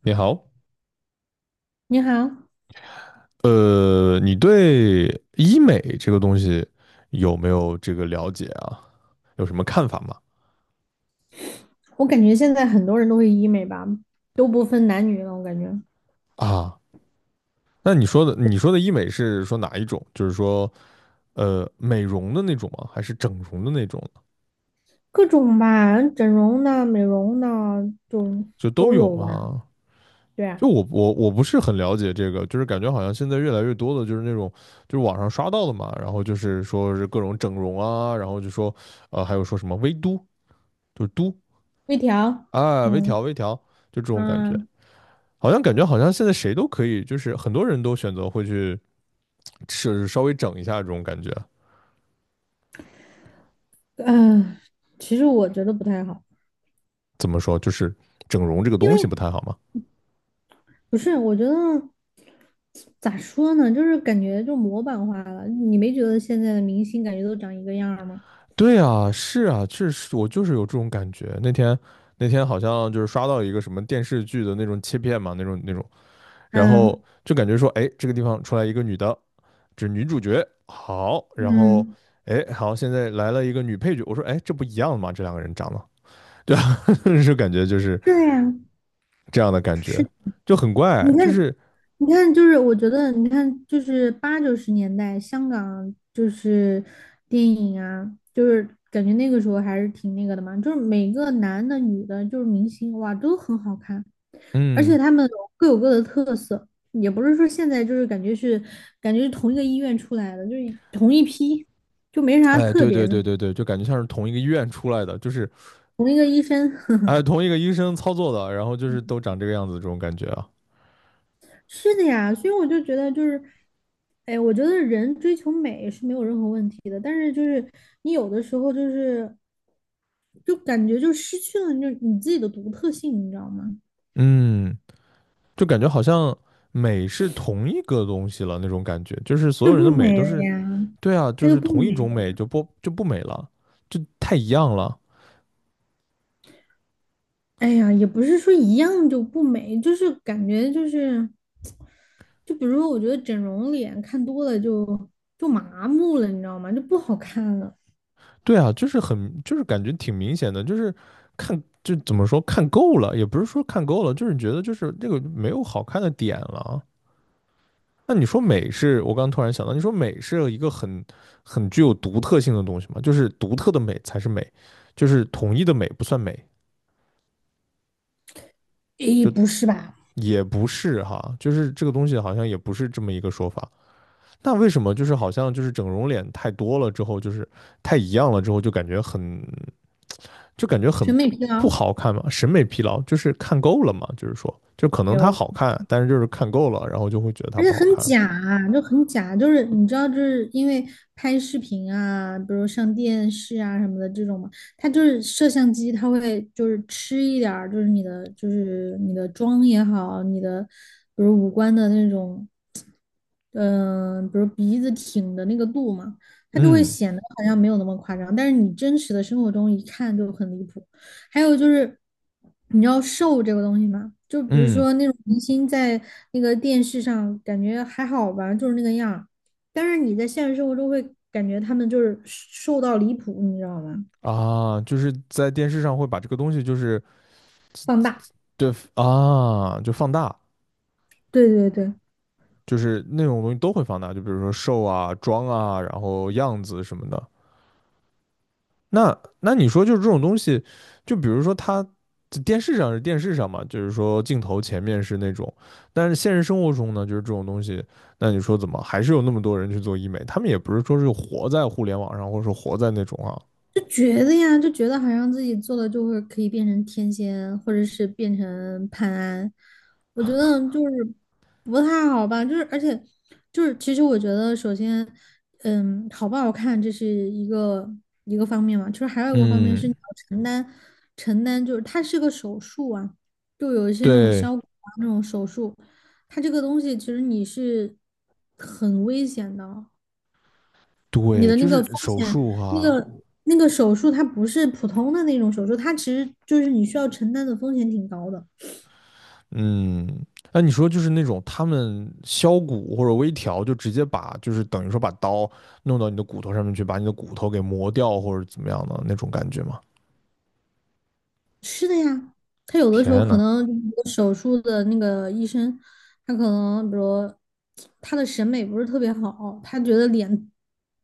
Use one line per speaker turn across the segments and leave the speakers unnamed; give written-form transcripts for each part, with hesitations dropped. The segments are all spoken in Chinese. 你好。
你好，
你对医美这个东西有没有这个了解啊？有什么看法吗？
我感觉现在很多人都会医美吧，都不分男女了，我感觉
啊，那你说的医美是说哪一种？就是说，美容的那种吗？还是整容的那种呢？
各种吧，整容的、美容的就
就都
都
有
有吧。
吗？
对
就
啊，
我不是很了解这个，就是感觉好像现在越来越多的就是那种就是网上刷到的嘛，然后就是说是各种整容啊，然后就说还有说什么微嘟，就是嘟
微调，
啊，微
嗯
调微调，就这种感觉。
嗯
好像感觉好像现在谁都可以，就是很多人都选择会去是稍微整一下这种感觉。
嗯，呃其实我觉得不太好，
怎么说，就是整容这个
因
东西不
为
太好嘛？
不是，我觉得咋说呢，就是感觉就模板化了。你没觉得现在的明星感觉都长一个样儿吗？
对啊，是啊，确实我就是有这种感觉。那天好像就是刷到一个什么电视剧的那种切片嘛，那种，然后
嗯
就感觉说，哎，这个地方出来一个女的，这女主角好，然后
嗯，
哎，好，现在来了一个女配角，我说，哎，这不一样吗？这两个人长得，对啊，就感觉就是
对呀，
这样的感
是，
觉，就很怪，
你
就
看。
是
你看，就是我觉得，你看，就是八九十年代香港就是电影啊，就是感觉那个时候还是挺那个的嘛，就是每个男的、女的，就是明星，哇，都很好看，而
嗯，
且他们各有各的特色，也不是说现在就是感觉是同一个医院出来的，就没啥
哎，
特
对
别
对
的，
对对对，就感觉像是同一个医院出来的，就是
同一个医生，呵呵，
哎，同一个医生操作的，然后就是都长这个样子，这种感觉啊。
是的呀，所以我就觉得哎，我觉得人追求美是没有任何问题的，但是你有的时候就感觉就失去了你自己的独特性，你知道吗？
嗯，就感觉好像美是同一个东西了那种感觉，就是
它
所有
就
人的
不
美
美
都
了
是
呀，
对啊，
它
就
就
是
不
同一
美
种
了
美
呀。
就不美了，就太一样了。
哎呀，也不是说一样就不美，就是感觉就是，就比如说，我觉得整容脸看多了就麻木了，你知道吗？就不好看了。
对啊，就是很，就是感觉挺明显的，就是看，就怎么说看够了，也不是说看够了，就是觉得就是这个没有好看的点了。那你说美是我刚突然想到，你说美是一个很具有独特性的东西嘛？就是独特的美才是美，就是统一的美不算美，
诶，不是吧？
也不是哈，就是这个东西好像也不是这么一个说法。那为什么就是好像就是整容脸太多了之后，就是太一样了之后，就感觉很
审美疲
不
劳
好看嘛？审美疲劳就是看够了嘛？就是说，就可能它
有，
好看，但是就是看够了，然后就会觉得它
而
不
且
好
很
看。
假啊，就很假，就是你知道，就是因为拍视频啊，比如上电视啊什么的这种嘛，它就是摄像机，它会就是吃一点儿，就是你的妆也好，你的比如五官的那种，比如鼻子挺的那个度嘛，它就会
嗯
显得好像没有那么夸张，但是你真实的生活中一看就很离谱。还有就是，你知道瘦这个东西吗？就比如
嗯，
说那种明星在那个电视上感觉还好吧，就是那个样儿，但是你在现实生活中会感觉他们就是瘦到离谱，你知道吗？
啊，就是在电视上会把这个东西，就是
放大。
对啊，就放大，
对对对，
就是那种东西都会放大，就比如说瘦啊、妆啊，然后样子什么的。那你说，就是这种东西，就比如说它在电视上是电视上嘛，就是说镜头前面是那种，但是现实生活中呢，就是这种东西，那你说怎么还是有那么多人去做医美？他们也不是说是活在互联网上，或者说活在那种啊。
就觉得呀，就觉得好像自己做了就会可以变成天仙，或者是变成潘安，我觉得就是不太好吧。就是而且其实我觉得首先，好不好看这是一个一个方面嘛，就是还有一个方面是你
嗯，
要承担承担，就是它是个手术啊，就有一些那种
对
消骨啊那种手术，它这个东西其实你是很危险的，你
对，
的
就
那个风
是手
险，
术哈。
那个手术它不是普通的那种手术，它其实就是你需要承担的风险挺高的。
嗯，那你说就是那种他们削骨或者微调，就直接把就是等于说把刀弄到你的骨头上面去，把你的骨头给磨掉或者怎么样的那种感觉吗？
是的呀，他有的时候
天
可
呐，
能那个手术的那个医生，他可能比如他的审美不是特别好，他觉得脸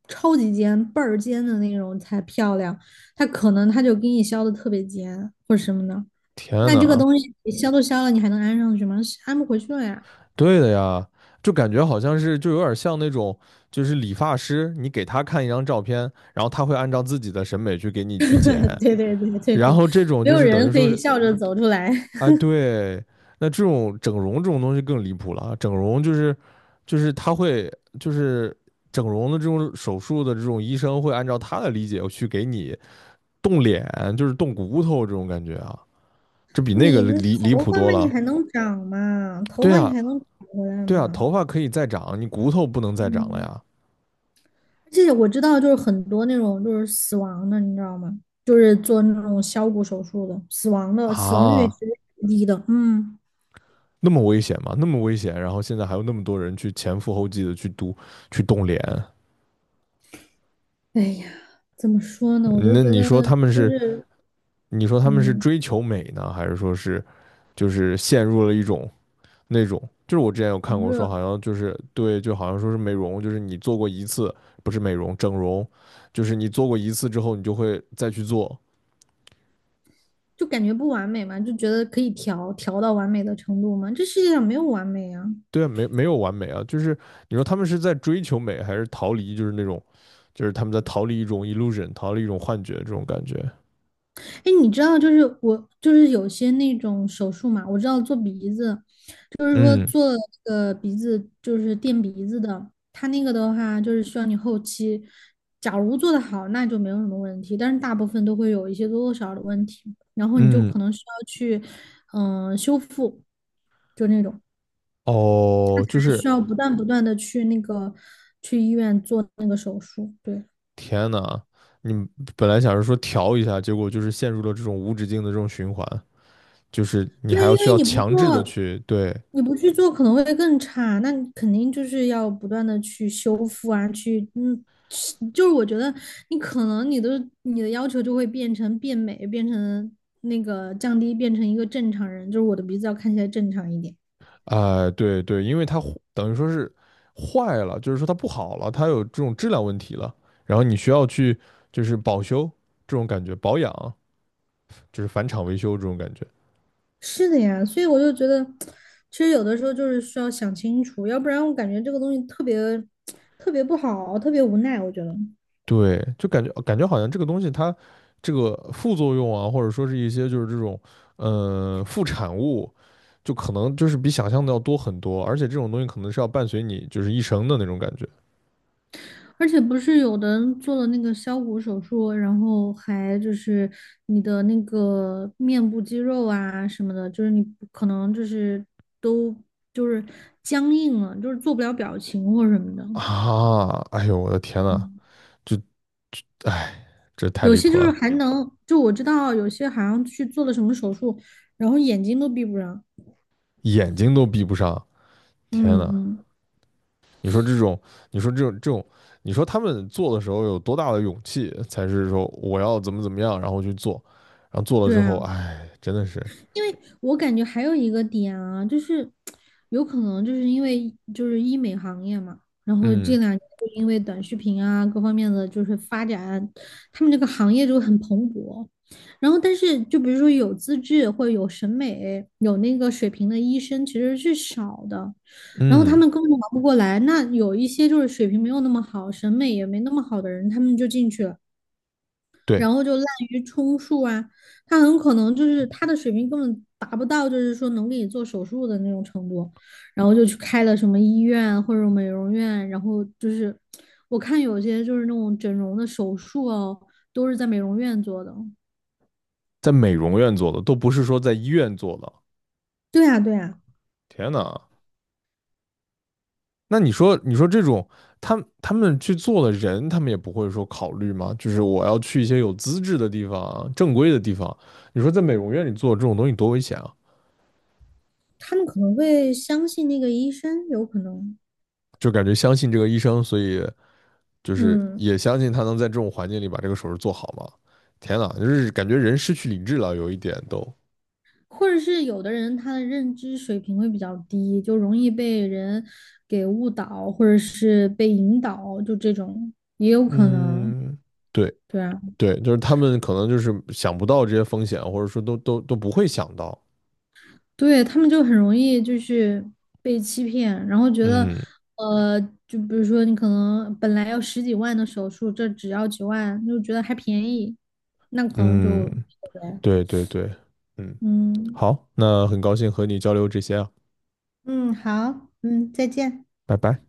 超级尖、倍儿尖的那种才漂亮，他可能他就给你削的特别尖或者什么的。
天
那这个
呐，
东西你削都削了，你还能安上去吗？安不回去了呀。
对的呀，就感觉好像是就有点像那种就是理发师，你给他看一张照片，然后他会按照自己的审美去给你去剪，
对对对对
然
对，
后这种
没
就
有
是等
人
于
可
说
以
是
笑着走出来。
哎，对，那这种整容这种东西更离谱了啊，整容就是就是他会就是整容的这种手术的这种医生会按照他的理解去给你动脸，就是动骨头这种感觉啊，这比那个
你
离
那
离离
头
谱
发
多
嘛，你
了。
还能长嘛？头
对
发你
呀，
还能长回来
对呀，
吗？
头发可以再长，你骨头不能再长了
嗯，
呀。
而且我知道，就是很多那种就是死亡的，你知道吗？就是做那种削骨手术的，死亡的死亡率也
啊，
是低的。嗯，
那么危险吗？那么危险，然后现在还有那么多人去前赴后继的去读去动脸。
哎呀，怎么说呢？我
嗯，
就
那
觉
你说
得
他们
就
是？
是
你说他们是
嗯，
追求美呢，还是说是就是陷入了一种那种？就是我之前有看
狂
过说，
热，
好像就是对，就好像说是美容，就是你做过一次，不是美容，整容，就是你做过一次之后，你就会再去做。
就感觉不完美嘛，就觉得可以调调到完美的程度嘛。这世界上没有完美啊。
对啊，没有完美啊，就是你说他们是在追求美，还是逃离，就是那种，就是他们在逃离一种 illusion,逃离一种幻觉这种感觉。
哎，你知道，就是我，就是有些那种手术嘛，我知道做鼻子，就是说
嗯
做那就是垫鼻子的，它那个的话，就是需要你后期，假如做得好，那就没有什么问题，但是大部分都会有一些多多少少的问题，然后你就
嗯，
可能需要去，修复，就那种，
哦，就是
需要不断不断的去那个，去医院做那个手术，对。
天呐，你本来想着说调一下，结果就是陷入了这种无止境的这种循环，就是你
对，
还
因
要需
为
要
你不
强制的
做，
去对。
你不去做可能会更差，那你肯定就是要不断的去修复啊，是我觉得你可能你的要求就会变成变美，变成那个降低，变成一个正常人，就是我的鼻子要看起来正常一点。
哎、对对，因为它坏，等于说是坏了，就是说它不好了，它有这种质量问题了，然后你需要去就是保修这种感觉，保养，就是返厂维修这种感觉。
是的呀，所以我就觉得，其实有的时候就是需要想清楚，要不然我感觉这个东西特别特别不好，特别无奈，我觉得。
对，就感觉感觉好像这个东西它这个副作用啊，或者说是一些就是这种副产物，就可能就是比想象的要多很多，而且这种东西可能是要伴随你就是一生的那种感觉。
而且不是有的人做了那个削骨手术，然后还就是你的那个面部肌肉啊什么的，就是你可能就是都就是僵硬了，就是做不了表情或什么的。
啊！哎呦我的天呐，
嗯，
这这太
有
离
些
谱
就是
了。
还能，就我知道有些好像去做了什么手术，然后眼睛都闭不上。
眼睛都闭不上，天
嗯
呐，
嗯，
你说这种，你说这种，你说他们做的时候有多大的勇气，才是说我要怎么怎么样，然后去做，然后做了
对
之后，
啊。
哎，真的是，
因为我感觉还有一个点啊，就是有可能就是因为就是医美行业嘛，然后这
嗯
两年就因为短视频啊各方面的就是发展，他们这个行业就很蓬勃。然后，但是就比如说有资质或者有审美、有那个水平的医生其实是少的，然后他
嗯，
们根本忙不过来。那有一些就是水平没有那么好、审美也没那么好的人，他们就进去了。
对。
然后就滥竽充数啊，他很可能就是他的水平根本达不到，就是说能给你做手术的那种程度，然后就去开了什么医院或者美容院，然后就是我看有些就是那种整容的手术哦，都是在美容院做的。
在美容院做的，都不是说在医院做的。
对啊，对啊，
天哪，那你说，你说这种他他们去做的人，他们也不会说考虑吗？就是我要去一些有资质的地方啊、正规的地方。你说在美容院里做这种东西多危险啊！
他们可能会相信那个医生，有可能，
就感觉相信这个医生，所以就是
嗯。
也相信他能在这种环境里把这个手术做好吗？天哪，就是感觉人失去理智了，有一点都，
或者是有的人他的认知水平会比较低，就容易被人给误导，或者是被引导，就这种也有可能。
嗯，对
对啊，
对，就是他们可能就是想不到这些风险，或者说都不会想到，
对，他们就很容易就是被欺骗，然后觉得，
嗯，
呃，就比如说你可能本来要十几万的手术，这只要几万，就觉得还便宜，那可能
嗯，
就，对，
对对对，嗯，
嗯
好，那很高兴和你交流这些啊。
嗯，好，嗯，再见。
拜拜。